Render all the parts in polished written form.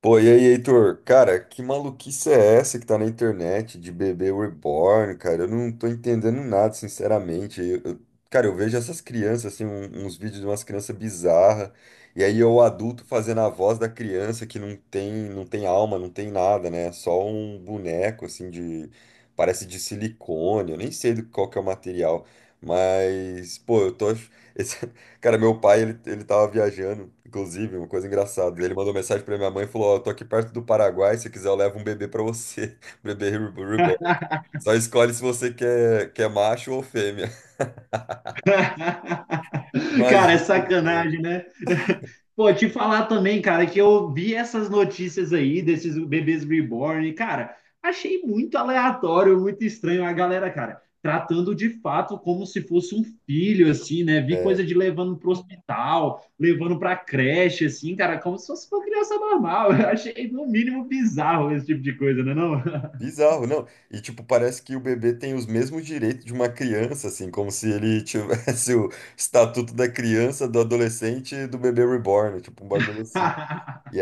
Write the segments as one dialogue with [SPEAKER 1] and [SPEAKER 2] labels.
[SPEAKER 1] Pô, e aí, Heitor? Cara, que maluquice é essa que tá na internet de bebê reborn, cara? Eu não tô entendendo nada, sinceramente. Cara, eu vejo essas crianças, assim, uns vídeos de umas crianças bizarras, e aí eu, adulto, fazendo a voz da criança que não tem alma, não tem nada, né? Só um boneco, assim, de parece de silicone, eu nem sei do qual que é o material, mas, pô, eu tô Cara, meu pai, ele tava viajando, inclusive, uma coisa engraçada. Ele mandou mensagem pra minha mãe e falou: Ó, eu tô aqui perto do Paraguai, se quiser eu levo um bebê pra você. Bebê re- reborn. Só escolhe se você quer, quer macho ou fêmea.
[SPEAKER 2] Cara, é
[SPEAKER 1] Imagina.
[SPEAKER 2] sacanagem, né? Pô, te falar também, cara, que eu vi essas notícias aí desses bebês reborn, e, cara, achei muito aleatório, muito estranho a galera, cara, tratando de fato como se fosse um filho, assim, né? Vi coisa
[SPEAKER 1] É,
[SPEAKER 2] de levando pro hospital, levando pra creche, assim, cara, como se fosse uma criança normal. Eu achei, no mínimo, bizarro esse tipo de coisa, né, não?
[SPEAKER 1] bizarro, não. E, tipo, parece que o bebê tem os mesmos direitos de uma criança, assim, como se ele tivesse o estatuto da criança, do adolescente e do bebê reborn, tipo, um bagulho assim. E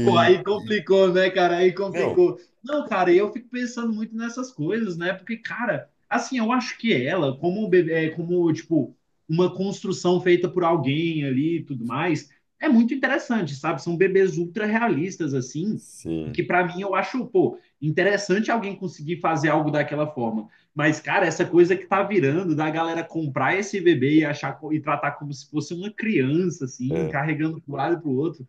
[SPEAKER 2] Pô, aí complicou, né, cara? Aí
[SPEAKER 1] Não.
[SPEAKER 2] complicou. Não, cara, eu fico pensando muito nessas coisas, né? Porque, cara, assim, eu acho que ela, como, como tipo, uma construção feita por alguém ali e tudo mais, é muito interessante, sabe? São bebês ultra realistas, assim,
[SPEAKER 1] Sim.
[SPEAKER 2] que pra mim eu acho, pô, interessante alguém conseguir fazer algo daquela forma. Mas, cara, essa coisa que tá virando da galera comprar esse bebê e e tratar como se fosse uma criança, assim,
[SPEAKER 1] É.
[SPEAKER 2] carregando pro lado e pro outro.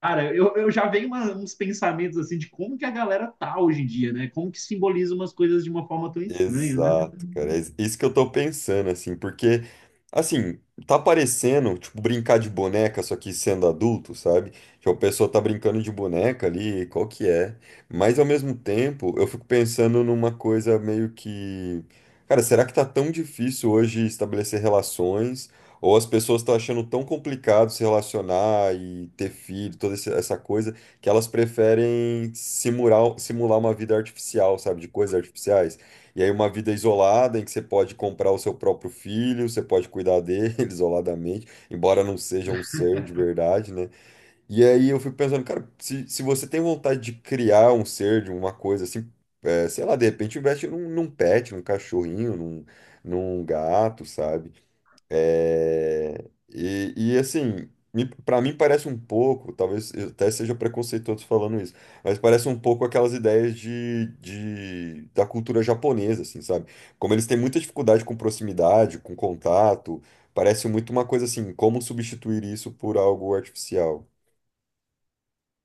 [SPEAKER 2] Cara, eu já venho uns pensamentos assim de como que a galera tá hoje em dia, né? Como que simboliza umas coisas de uma forma tão estranha, né?
[SPEAKER 1] Exato, cara. É isso que eu tô pensando, assim, porque, assim, tá parecendo, tipo, brincar de boneca, só que sendo adulto, sabe? Tipo, a pessoa tá brincando de boneca ali, qual que é? Mas, ao mesmo tempo, eu fico pensando numa coisa meio que. Cara, será que tá tão difícil hoje estabelecer relações? Ou as pessoas estão achando tão complicado se relacionar e ter filho, essa coisa, que elas preferem simular, simular uma vida artificial, sabe? De coisas artificiais? E aí uma vida isolada em que você pode comprar o seu próprio filho, você pode cuidar dele isoladamente, embora não seja um ser de verdade, né? E aí eu fico pensando, cara, se você tem vontade de criar um ser, de uma coisa assim, é, sei lá, de repente investe num, num pet, num cachorrinho, num, num gato, sabe? É, assim, para mim parece um pouco, talvez eu até seja preconceituoso falando isso, mas parece um pouco aquelas ideias da cultura japonesa, assim, sabe? Como eles têm muita dificuldade com proximidade, com contato, parece muito uma coisa assim, como substituir isso por algo artificial.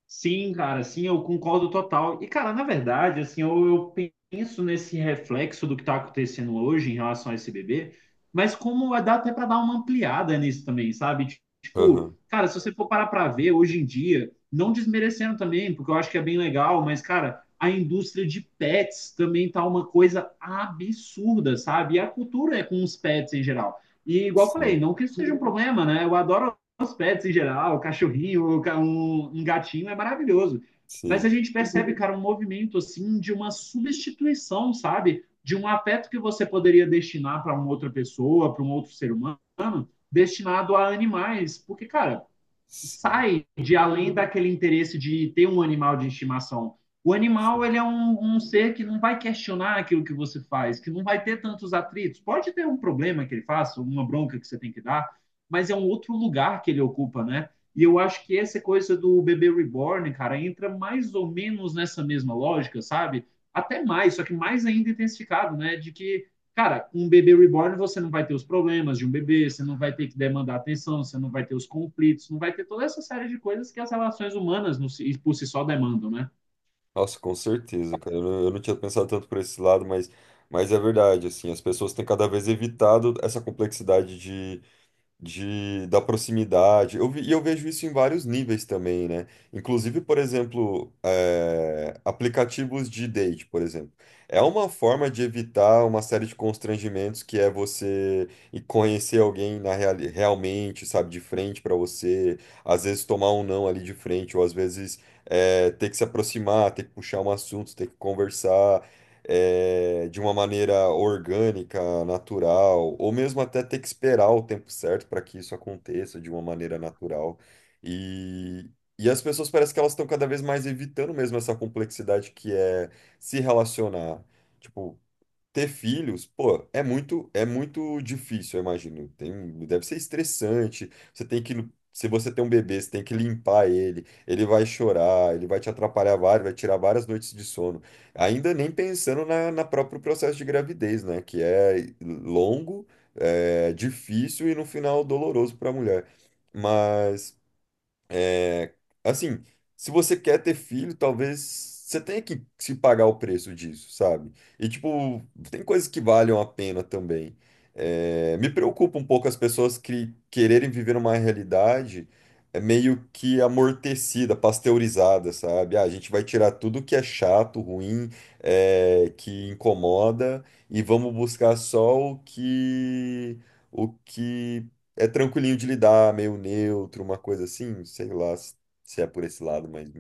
[SPEAKER 2] Sim, cara, sim, eu concordo total. E, cara, na verdade, assim, eu penso nesse reflexo do que está acontecendo hoje em relação a esse bebê, mas dá até para dar uma ampliada nisso também, sabe? Tipo,
[SPEAKER 1] Aham.
[SPEAKER 2] cara, se você for parar para ver hoje em dia, não desmerecendo também, porque eu acho que é bem legal, mas, cara, a indústria de pets também tá uma coisa absurda, sabe? E a cultura é com os pets em geral. E, igual eu falei,
[SPEAKER 1] Sim,
[SPEAKER 2] não que isso seja um problema, né? Eu adoro os pets em geral, o cachorrinho, um gatinho é maravilhoso. Mas a
[SPEAKER 1] sim,
[SPEAKER 2] gente percebe, cara, um movimento assim de uma substituição, sabe? De um afeto que você poderia destinar para uma outra pessoa, para um outro ser humano, destinado a animais. Porque, cara,
[SPEAKER 1] sim,
[SPEAKER 2] sai de além daquele interesse de ter um animal de estimação. O animal,
[SPEAKER 1] sim.
[SPEAKER 2] ele é um ser que não vai questionar aquilo que você faz, que não vai ter tantos atritos. Pode ter um problema que ele faça, uma bronca que você tem que dar, mas é um outro lugar que ele ocupa, né? E eu acho que essa coisa do bebê reborn, cara, entra mais ou menos nessa mesma lógica, sabe? Até mais, só que mais ainda intensificado, né? De que cara, com um bebê reborn você não vai ter os problemas de um bebê, você não vai ter que demandar atenção, você não vai ter os conflitos, não vai ter toda essa série de coisas que as relações humanas si, por si só demandam, né?
[SPEAKER 1] Nossa, com certeza, cara. Eu não tinha pensado tanto por esse lado, mas é verdade, assim, as pessoas têm cada vez evitado essa complexidade da proximidade. E eu vejo isso em vários níveis também, né? Inclusive, por exemplo, aplicativos de date, por exemplo. É uma forma de evitar uma série de constrangimentos que é você ir conhecer alguém realmente, sabe, de frente para você, às vezes tomar um não ali de frente, ou às vezes ter que se aproximar, ter que puxar um assunto, ter que conversar de uma maneira orgânica, natural, ou mesmo até ter que esperar o tempo certo para que isso aconteça de uma maneira natural. E, e as pessoas parece que elas estão cada vez mais evitando mesmo essa complexidade que é se relacionar. Tipo, ter filhos, pô, é muito difícil, eu imagino. Tem, deve ser estressante. Você tem que, se você tem um bebê, você tem que limpar ele, ele vai chorar, ele vai te atrapalhar várias, vai tirar várias noites de sono. Ainda nem pensando na, na próprio processo de gravidez, né? Que é longo, é difícil e no final doloroso para a mulher. Mas é, assim, se você quer ter filho, talvez você tenha que se pagar o preço disso, sabe? E, tipo, tem coisas que valham a pena também. É, me preocupa um pouco as pessoas que quererem viver uma realidade é meio que amortecida, pasteurizada, sabe? Ah, a gente vai tirar tudo que é chato, ruim, é, que incomoda e vamos buscar só o que é tranquilinho de lidar, meio neutro, uma coisa assim, sei lá se se é por esse lado, mas.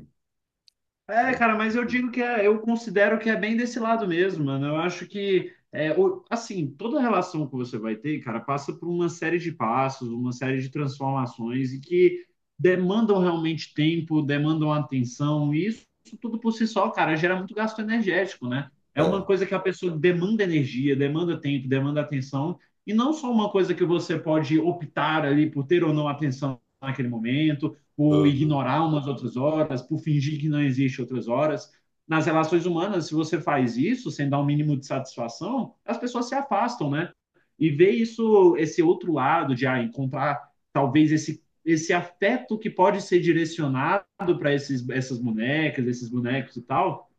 [SPEAKER 2] É, cara, mas eu digo que é, eu considero que é bem desse lado mesmo, mano. Eu acho que, é, assim, toda relação que você vai ter, cara, passa por uma série de passos, uma série de transformações e que demandam realmente tempo, demandam atenção, e isso tudo por si só, cara, gera muito gasto energético, né? É uma
[SPEAKER 1] É.
[SPEAKER 2] coisa que a pessoa demanda energia, demanda tempo, demanda atenção, e não só uma coisa que você pode optar ali por ter ou não atenção naquele momento por
[SPEAKER 1] Aham.
[SPEAKER 2] ignorar umas outras horas, por fingir que não existe outras horas. Nas relações humanas, se você faz isso sem dar um mínimo de satisfação, as pessoas se afastam, né? E ver isso, esse outro lado de ah, encontrar talvez esse afeto que pode ser direcionado para esses essas bonecas, esses bonecos e tal,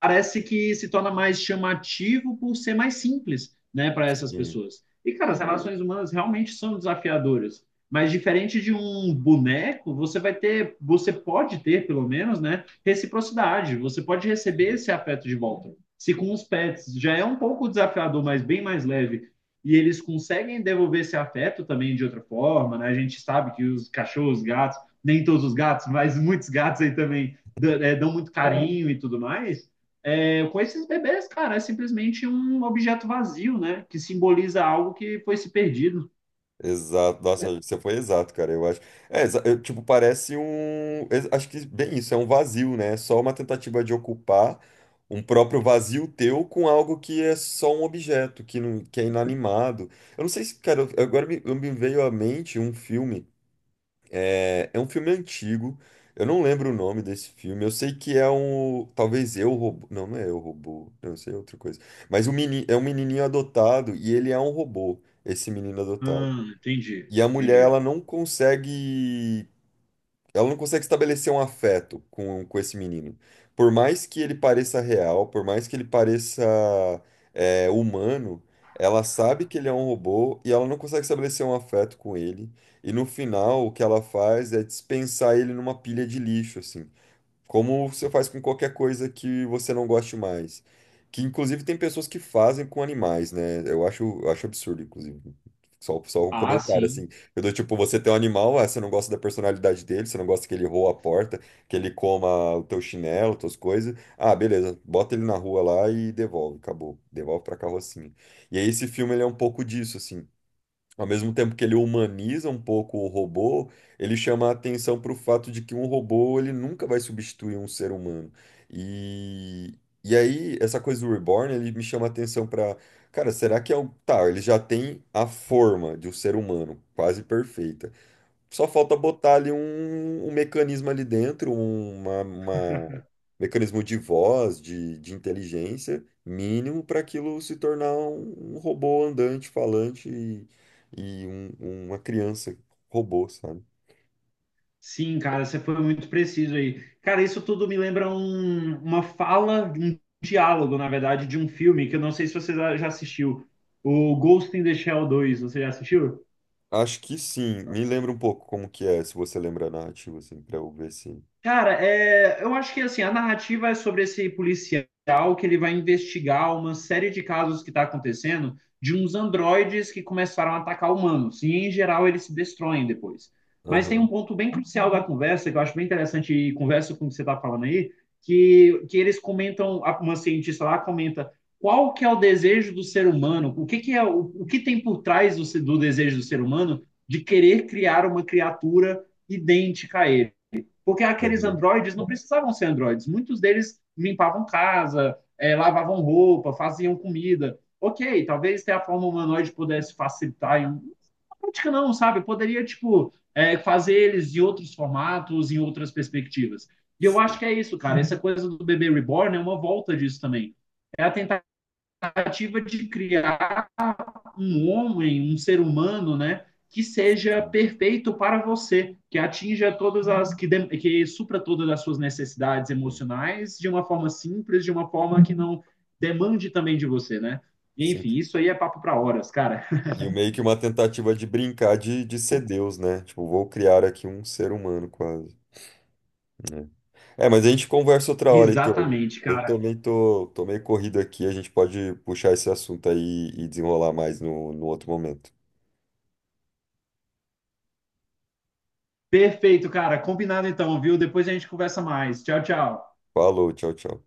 [SPEAKER 2] parece que se torna mais chamativo por ser mais simples, né, para essas
[SPEAKER 1] Sim,
[SPEAKER 2] pessoas. E, cara, as relações humanas realmente são desafiadoras. Mas diferente de um boneco, você vai ter, você pode ter, pelo menos, né, reciprocidade. Você pode receber
[SPEAKER 1] sim.
[SPEAKER 2] esse afeto de volta. Se com os pets já é um pouco desafiador, mas bem mais leve, e eles conseguem devolver esse afeto também de outra forma, né? A gente sabe que os cachorros, gatos, nem todos os gatos, mas muitos gatos aí também dão muito carinho e tudo mais. É, com esses bebês, cara, é simplesmente um objeto vazio, né? Que simboliza algo que foi se perdido.
[SPEAKER 1] Exato. Nossa, você foi exato, cara. Eu acho. É, tipo, parece um. Acho que bem isso, é um vazio, né? É só uma tentativa de ocupar um próprio vazio teu com algo que é só um objeto, que, não, que é inanimado. Eu não sei se, cara, agora me, me veio à mente um filme. É, é um filme antigo. Eu não lembro o nome desse filme. Eu sei que é um. Talvez eu robô. Não, não é eu robô. Não, isso aí é outra coisa. Mas o é um menininho adotado e ele é um robô, esse menino adotado.
[SPEAKER 2] Entendi,
[SPEAKER 1] E a mulher,
[SPEAKER 2] entendi.
[SPEAKER 1] ela não consegue estabelecer um afeto com esse menino. Por mais que ele pareça real, por mais que ele pareça é, humano, ela sabe que ele é um robô e ela não consegue estabelecer um afeto com ele. E no final, o que ela faz é dispensar ele numa pilha de lixo, assim. Como você faz com qualquer coisa que você não goste mais. Que inclusive tem pessoas que fazem com animais, né? Eu acho absurdo, inclusive. Só um
[SPEAKER 2] Ah,
[SPEAKER 1] comentário,
[SPEAKER 2] sim.
[SPEAKER 1] assim. Eu dou tipo, você tem um animal, ah, você não gosta da personalidade dele, você não gosta que ele roa a porta, que ele coma o teu chinelo, tuas coisas. Ah, beleza, bota ele na rua lá e devolve, acabou. Devolve pra carrocinha. E aí esse filme, ele é um pouco disso, assim. Ao mesmo tempo que ele humaniza um pouco o robô, ele chama a atenção para o fato de que um robô ele nunca vai substituir um ser humano. E, e aí, essa coisa do Reborn, ele me chama a atenção para, cara, será que é o. Tá, ele já tem a forma de um ser humano, quase perfeita. Só falta botar ali um, um mecanismo ali dentro, um, uma, mecanismo de voz, de inteligência mínimo para aquilo se tornar um, um robô andante, falante e, uma criança robô, sabe?
[SPEAKER 2] Sim, cara, você foi muito preciso aí. Cara, isso tudo me lembra uma fala, um diálogo, na verdade, de um filme que eu não sei se você já assistiu. O Ghost in the Shell dois, você já assistiu?
[SPEAKER 1] Acho que sim. Me lembra um pouco como que é, se você lembra a narrativa, assim, para eu ver se.
[SPEAKER 2] Cara, é, eu acho que assim, a narrativa é sobre esse policial que ele vai investigar uma série de casos que está acontecendo de uns androides que começaram a atacar humanos. E em geral eles se destroem depois. Mas tem um
[SPEAKER 1] Aham,
[SPEAKER 2] ponto bem crucial da conversa, que eu acho bem interessante, e conversa com o que você está falando aí, que eles comentam, uma cientista lá comenta qual que é o desejo do ser humano, o que, que é o que tem por trás do, do desejo do ser humano de querer criar uma criatura idêntica a ele. Porque aqueles
[SPEAKER 1] aham.
[SPEAKER 2] androides não precisavam ser androides. Muitos deles limpavam casa, é, lavavam roupa, faziam comida. Ok, talvez ter a forma humanoide pudesse facilitar. Na prática, não, sabe? Poderia, tipo, é, fazer eles em outros formatos, em outras perspectivas. E eu acho
[SPEAKER 1] Sim,
[SPEAKER 2] que é isso, cara. Essa coisa do bebê reborn é uma volta disso também. É a tentativa de criar um homem, um ser humano, né? Que seja
[SPEAKER 1] sim,
[SPEAKER 2] perfeito para você, que supra todas as suas necessidades
[SPEAKER 1] sim,
[SPEAKER 2] emocionais de uma forma simples, de uma forma que não demande também de você, né?
[SPEAKER 1] sim.
[SPEAKER 2] Enfim, isso aí é papo para horas, cara.
[SPEAKER 1] E meio que uma tentativa de brincar de ser Deus, né? Tipo, vou criar aqui um ser humano quase. Né? É, mas a gente conversa outra hora, Heitor.
[SPEAKER 2] Exatamente,
[SPEAKER 1] Eu
[SPEAKER 2] cara.
[SPEAKER 1] também tô meio corrido aqui, a gente pode puxar esse assunto aí e desenrolar mais no outro momento.
[SPEAKER 2] Perfeito, cara. Combinado então, viu? Depois a gente conversa mais. Tchau, tchau.
[SPEAKER 1] Falou, tchau, tchau.